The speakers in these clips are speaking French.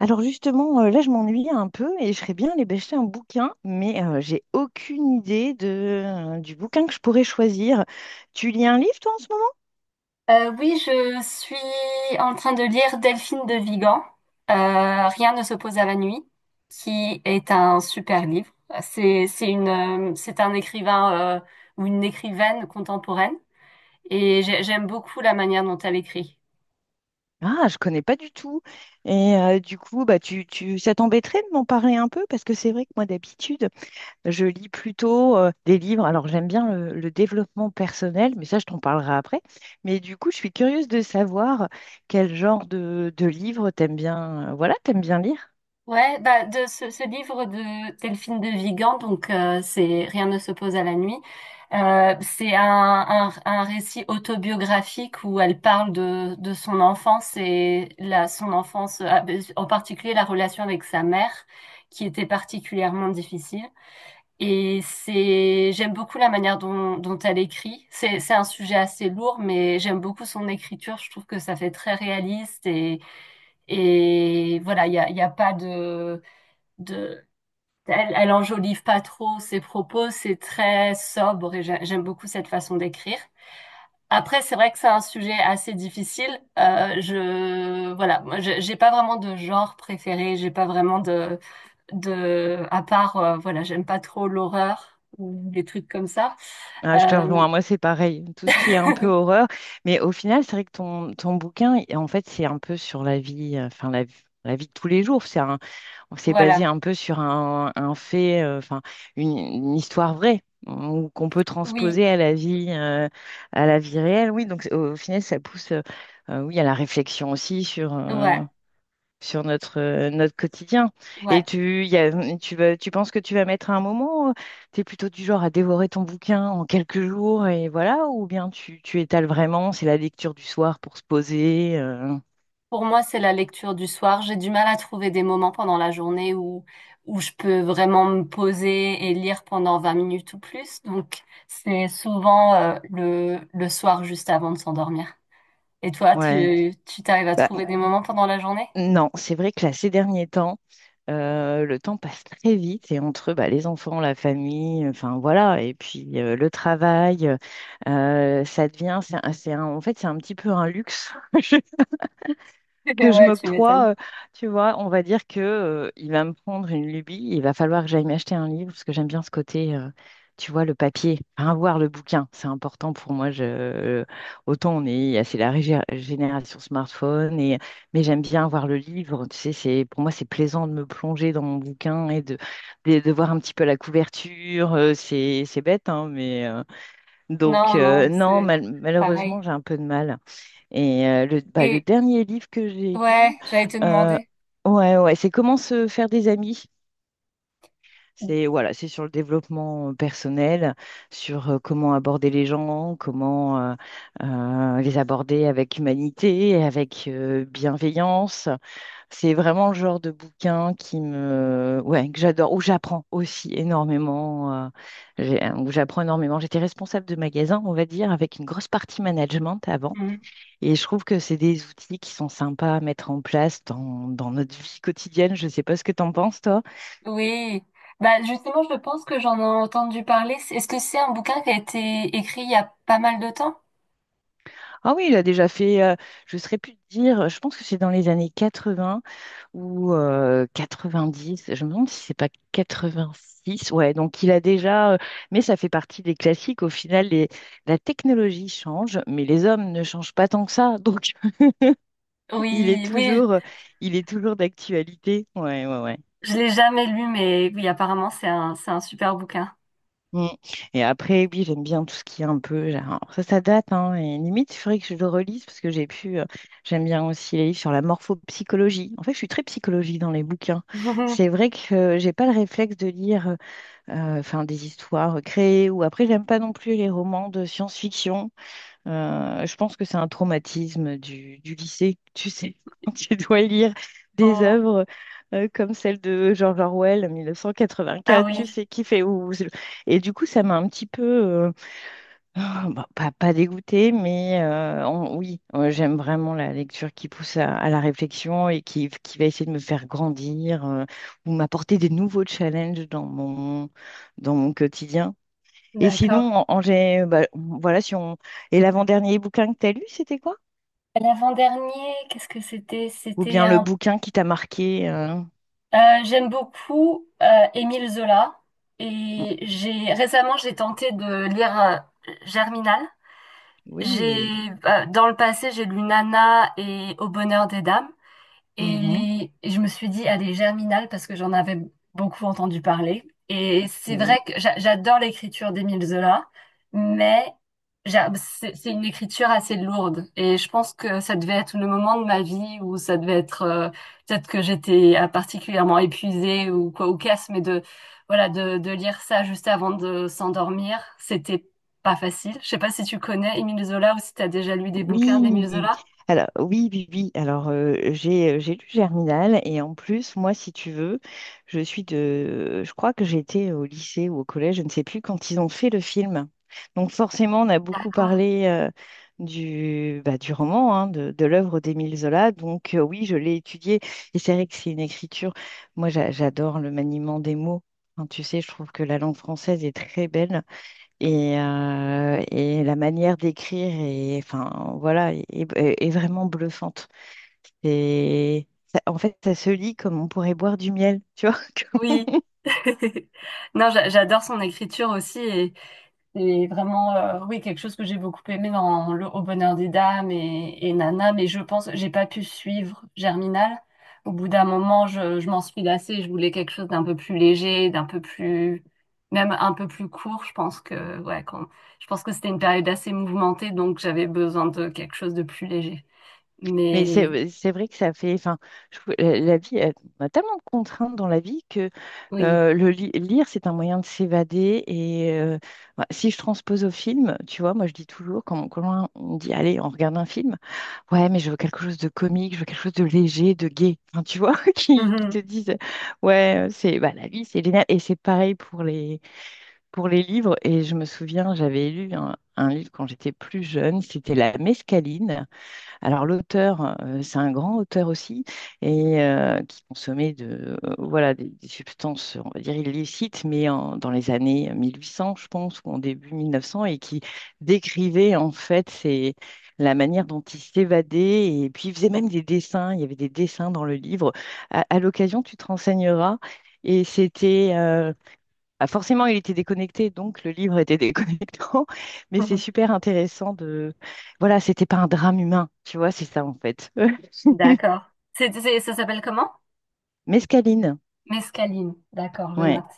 Alors justement, là, je m'ennuie un peu et je ferais bien aller bêcher un bouquin, mais j'ai aucune idée du bouquin que je pourrais choisir. Tu lis un livre, toi, en ce moment? Oui, je suis en train de lire Delphine de Vigan, Rien ne s'oppose à la nuit, qui est un super livre. C'est une, c'est un écrivain ou une écrivaine contemporaine et j'aime beaucoup la manière dont elle écrit. Ah, je connais pas du tout. Et du coup, bah, ça t'embêterait de m'en parler un peu? Parce que c'est vrai que moi, d'habitude, je lis plutôt des livres. Alors, j'aime bien le développement personnel, mais ça, je t'en parlerai après. Mais du coup, je suis curieuse de savoir quel genre de livre t'aimes bien, voilà, t'aimes bien lire. Ouais, bah de ce livre de Delphine de Vigan, donc c'est Rien ne s'oppose à la nuit. C'est un récit autobiographique où elle parle de son enfance et la, son enfance, ah, ben, en particulier la relation avec sa mère, qui était particulièrement difficile. Et c'est, j'aime beaucoup la manière dont elle écrit. C'est un sujet assez lourd, mais j'aime beaucoup son écriture. Je trouve que ça fait très réaliste et voilà, il y a pas de de elle, elle enjolive pas trop ses propos, c'est très sobre et j'aime beaucoup cette façon d'écrire. Après, c'est vrai que c'est un sujet assez difficile. Je Voilà, moi, j'ai pas vraiment de genre préféré, j'ai pas vraiment de à part voilà, j'aime pas trop l'horreur ou des trucs comme ça. Ah, je te Euh, rejoins, moi c'est pareil, tout ce qui est un peu horreur, mais au final c'est vrai que ton bouquin, en fait c'est un peu sur la vie, enfin la vie de tous les jours, on s'est basé voilà, un peu sur un fait, enfin une histoire vraie, ou qu'on peut oui, transposer à la vie réelle, oui, donc au final ça pousse, oui, à la réflexion aussi sur, euh, ouais, sur notre quotidien. Et ouais. Tu penses que tu vas mettre un moment, tu es plutôt du genre à dévorer ton bouquin en quelques jours et voilà, ou bien tu étales vraiment, c'est la lecture du soir pour se poser. Pour moi, c'est la lecture du soir. J'ai du mal à trouver des moments pendant la journée où je peux vraiment me poser et lire pendant 20 minutes ou plus. Donc, c'est souvent le soir juste avant de s'endormir. Et toi, Ouais. tu t'arrives à Bah, trouver des moments pendant la journée? non, c'est vrai que là, ces derniers temps, le temps passe très vite et entre bah, les enfants, la famille, enfin voilà, et puis le travail, ça devient, c'est un- en fait, c'est un petit peu un luxe. Que je Ouais, tu m'étonnes. m'octroie, tu vois, on va dire que il va me prendre une lubie, il va falloir que j'aille m'acheter un livre parce que j'aime bien ce côté, tu vois, le papier, enfin, voir le bouquin, c'est important pour moi. Autant on est, c'est la génération smartphone mais j'aime bien voir le livre. Tu sais, c'est pour moi c'est plaisant de me plonger dans mon bouquin et de voir un petit peu la couverture. C'est bête, hein, mais donc Non, non, non, c'est malheureusement pareil. j'ai un peu de mal. Et bah, le Et dernier livre que j'ai ouais, lu, j'allais te euh, demander. ouais, ouais, c'est Comment se faire des amis. Mm. C'est voilà, c'est sur le développement personnel, sur comment aborder les gens, comment les aborder avec humanité, avec bienveillance. C'est vraiment le genre de bouquin qui ouais, que j'adore, où j'apprends aussi énormément, où j'apprends énormément. J'étais responsable de magasin, on va dire, avec une grosse partie management avant. Mhm. Et je trouve que c'est des outils qui sont sympas à mettre en place dans notre vie quotidienne. Je ne sais pas ce que tu en penses, toi. Oui, bah justement, je pense que j'en ai entendu parler. C'est- Est-ce que c'est un bouquin qui a été écrit il y a pas mal de temps? Ah oui, il a déjà fait, je ne saurais plus te dire, je pense que c'est dans les années 80 ou 90. Je me demande si c'est pas 86. Ouais, donc il a déjà, mais ça fait partie des classiques. Au final, la technologie change, mais les hommes ne changent pas tant que ça. Donc il est Oui, oui, toujours, euh, il est toujours d'actualité. Ouais, ouais, ouais. je l'ai jamais lu, mais oui, apparemment, c'est un super bouquin. Mm. Et après, oui, j'aime bien tout ce qui est un peu. Ça date, hein, et limite, il faudrait que je le relise parce que j'ai pu. J'aime bien aussi les livres sur la morphopsychologie. En fait, je suis très psychologie dans les bouquins. C'est vrai que j'ai pas le réflexe de lire, enfin, des histoires créées, ou après, j'aime pas non plus les romans de science-fiction. Je pense que c'est un traumatisme du lycée, tu sais, quand tu dois lire des Oh, œuvres comme celle de George Orwell, ah 1984, oui, tu sais, qui fait où. Et du coup, ça m'a un petit peu, ah, bah, pas dégoûtée, mais oui, j'aime vraiment la lecture qui pousse à la réflexion et qui va essayer de me faire grandir, ou m'apporter des nouveaux challenges dans mon quotidien. Et d'accord. sinon, bah, voilà, si on. Et l'avant-dernier bouquin que tu as lu, c'était quoi? L'avant-dernier, qu'est-ce que c'était? Ou C'était bien le un. bouquin qui t'a marqué. J'aime beaucoup Émile Zola et j'ai récemment j'ai tenté de lire Germinal. J'ai Oui. Dans le passé j'ai lu Nana et Au bonheur des dames. Mhm. Et je me suis dit, allez, Germinal, parce que j'en avais beaucoup entendu parler. Et c'est vrai Oui. que j'adore l'écriture d'Émile Zola, mais c'est une écriture assez lourde. Et je pense que ça devait être le moment de ma vie où ça devait être, peut-être que j'étais particulièrement épuisée ou quoi, ou casse, mais de, voilà, de lire ça juste avant de s'endormir, c'était pas facile. Je sais pas si tu connais Émile Zola ou si tu as déjà lu des bouquins d'Émile Oui, Zola. alors oui, oui, oui. Alors j'ai lu Germinal et en plus, moi, si tu veux, je crois que j'étais au lycée ou au collège, je ne sais plus quand ils ont fait le film. Donc forcément, on a beaucoup D'accord. parlé du bah, du roman, hein, de l'œuvre d'Émile Zola. Donc oui, je l'ai étudié et c'est vrai que c'est une écriture. Moi, j'adore le maniement des mots. Hein, tu sais, je trouve que la langue française est très belle. Et la manière d'écrire est, enfin, voilà, est vraiment bluffante. Et en fait, ça se lit comme on pourrait boire du miel, tu vois. Oui. Non, j'adore son écriture aussi et c'est vraiment oui quelque chose que j'ai beaucoup aimé dans Le Au bonheur des dames et Nana, mais je pense j'ai pas pu suivre Germinal. Au bout d'un moment, je m'en suis lassée. Je voulais quelque chose d'un peu plus léger, d'un peu plus même un peu plus court. Je pense que ouais, quand, je pense que c'était une période assez mouvementée, donc j'avais besoin de quelque chose de plus léger. Mais c'est Mais euh, c'est vrai que ça fait, enfin, la vie, on a tellement de contraintes dans la vie que oui. Lire, c'est un moyen de s'évader. Et bah, si je transpose au film, tu vois, moi je dis toujours, quand on me dit, allez, on regarde un film, ouais, mais je veux quelque chose de comique, je veux quelque chose de léger, de gai. Enfin, tu vois, qui te Mhm. disent, ouais, c'est bah, la vie, c'est génial. Et c'est pareil pour les livres. Et je me souviens, j'avais lu un livre quand j'étais plus jeune, c'était La Mescaline. Alors l'auteur, c'est un grand auteur aussi, et qui consommait voilà, des substances, on va dire illicites, mais dans les années 1800, je pense, ou en début 1900, et qui décrivait en fait la manière dont il s'évadait, et puis il faisait même des dessins, il y avait des dessins dans le livre. À l'occasion, tu te renseigneras, et c'était. Ah, forcément, il était déconnecté, donc le livre était déconnectant. Mais c'est Mhm. super intéressant de. Voilà, c'était pas un drame humain, tu vois, c'est ça en fait. D'accord. Ça s'appelle comment? Mescaline, Mescaline, d'accord, je ouais. note.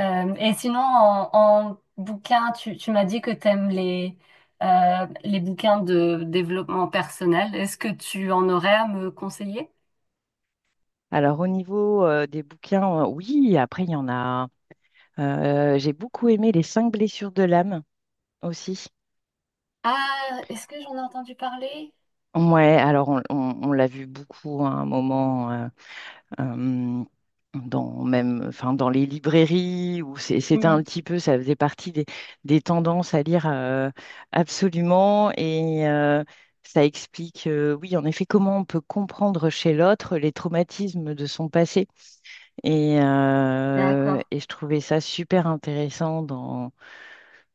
Et sinon, en, en bouquin, tu m'as dit que tu aimes les bouquins de développement personnel. Est-ce que tu en aurais à me conseiller? Alors au niveau des bouquins, oui, après il y en a. J'ai beaucoup aimé Les cinq blessures de l'âme aussi. Ah, est-ce que j'en ai entendu parler? Ouais, alors on l'a vu beaucoup à un moment. Euh, dans même, enfin, dans les librairies, où c'était Hmm, un petit peu, ça faisait partie des tendances à lire, absolument. Et ça explique, oui, en effet, comment on peut comprendre chez l'autre les traumatismes de son passé. Et, euh, d'accord. et je trouvais ça super intéressant dans,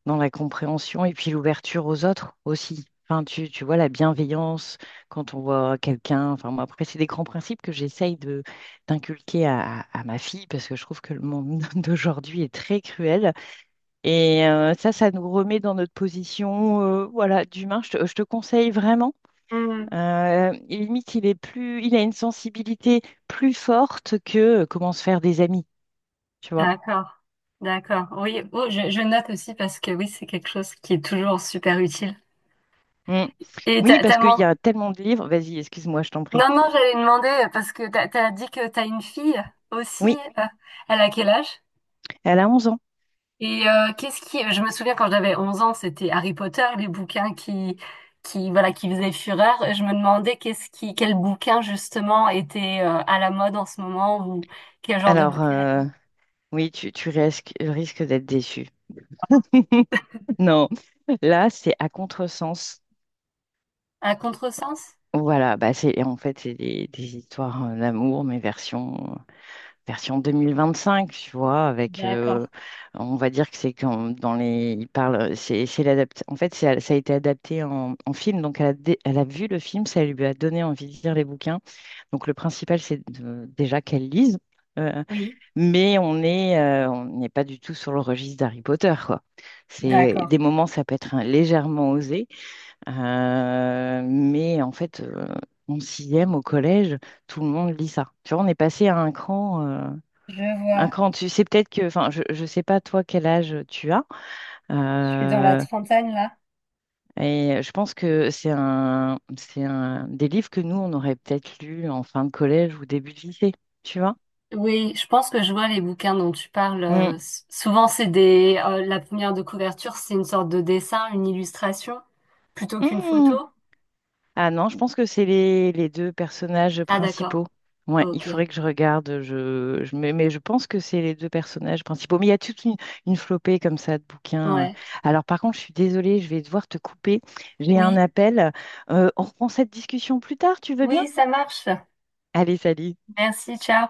dans la compréhension et puis l'ouverture aux autres aussi. Enfin, tu vois, la bienveillance quand on voit quelqu'un. Enfin, moi, après, c'est des grands principes que j'essaye de d'inculquer à ma fille parce que je trouve que le monde d'aujourd'hui est très cruel. Et ça nous remet dans notre position, voilà, d'humain. Je te conseille vraiment. Hmm, Et limite, il a une sensibilité plus forte que comment se faire des amis, tu vois. d'accord. D'accord. Oui, oh, je note aussi parce que oui, c'est quelque chose qui est toujours super utile. Mm. Et Oui, parce qu'il y a tellement de livres. Vas-y, excuse-moi, je t'en prie. Non, non, j'allais demander parce que t'as dit que t'as une fille aussi. Oui. euh, Elle a quel âge? Elle a 11 ans. Et qu'est-ce qui... Je me souviens quand j'avais 11 ans, c'était Harry Potter, les bouquins qui, voilà, qui faisaient fureur. Et je me demandais qu'est-ce qui, quel bouquin justement était à la mode en ce moment ou quel genre de Alors, bouquin à lire. oui, tu risques d'être déçu. Non, là, c'est à contresens. À contresens? Voilà, bah c'est en fait c'est des histoires, d'amour, mais version 2025, tu vois, avec D'accord, on va dire que c'est quand dans les il parle en fait ça a été adapté en film, donc elle a vu le film, ça lui a donné envie de lire les bouquins. Donc le principal c'est déjà qu'elle lise. Euh, oui, Mais on n'est pas du tout sur le registre d'Harry Potter, quoi. C'est d'accord. des moments, ça peut être légèrement osé, mais en fait, en sixième au collège, tout le monde lit ça. Tu vois, on est passé à un cran, euh, Je un vois. cran dessus. C'est peut-être que, enfin, je sais pas toi quel âge tu as, Je suis dans la euh, trentaine là. et je pense que c'est un des livres que nous on aurait peut-être lu en fin de collège ou début de lycée, tu vois. Oui, je pense que je vois les bouquins dont tu parles. Mm. Souvent, c'est des, la première de couverture, c'est une sorte de dessin, une illustration, plutôt qu'une photo. Mm. Ah non, je pense que c'est les deux personnages Ah, d'accord. principaux. Ouais, il Ok. faudrait que je regarde. Mais je pense que c'est les deux personnages principaux. Mais il y a toute une flopée comme ça de bouquins. Ouais. Alors par contre, je suis désolée, je vais devoir te couper. J'ai un Oui, appel. On reprend cette discussion plus tard, tu veux bien? oui, ça marche. Allez, salut. Merci, ciao.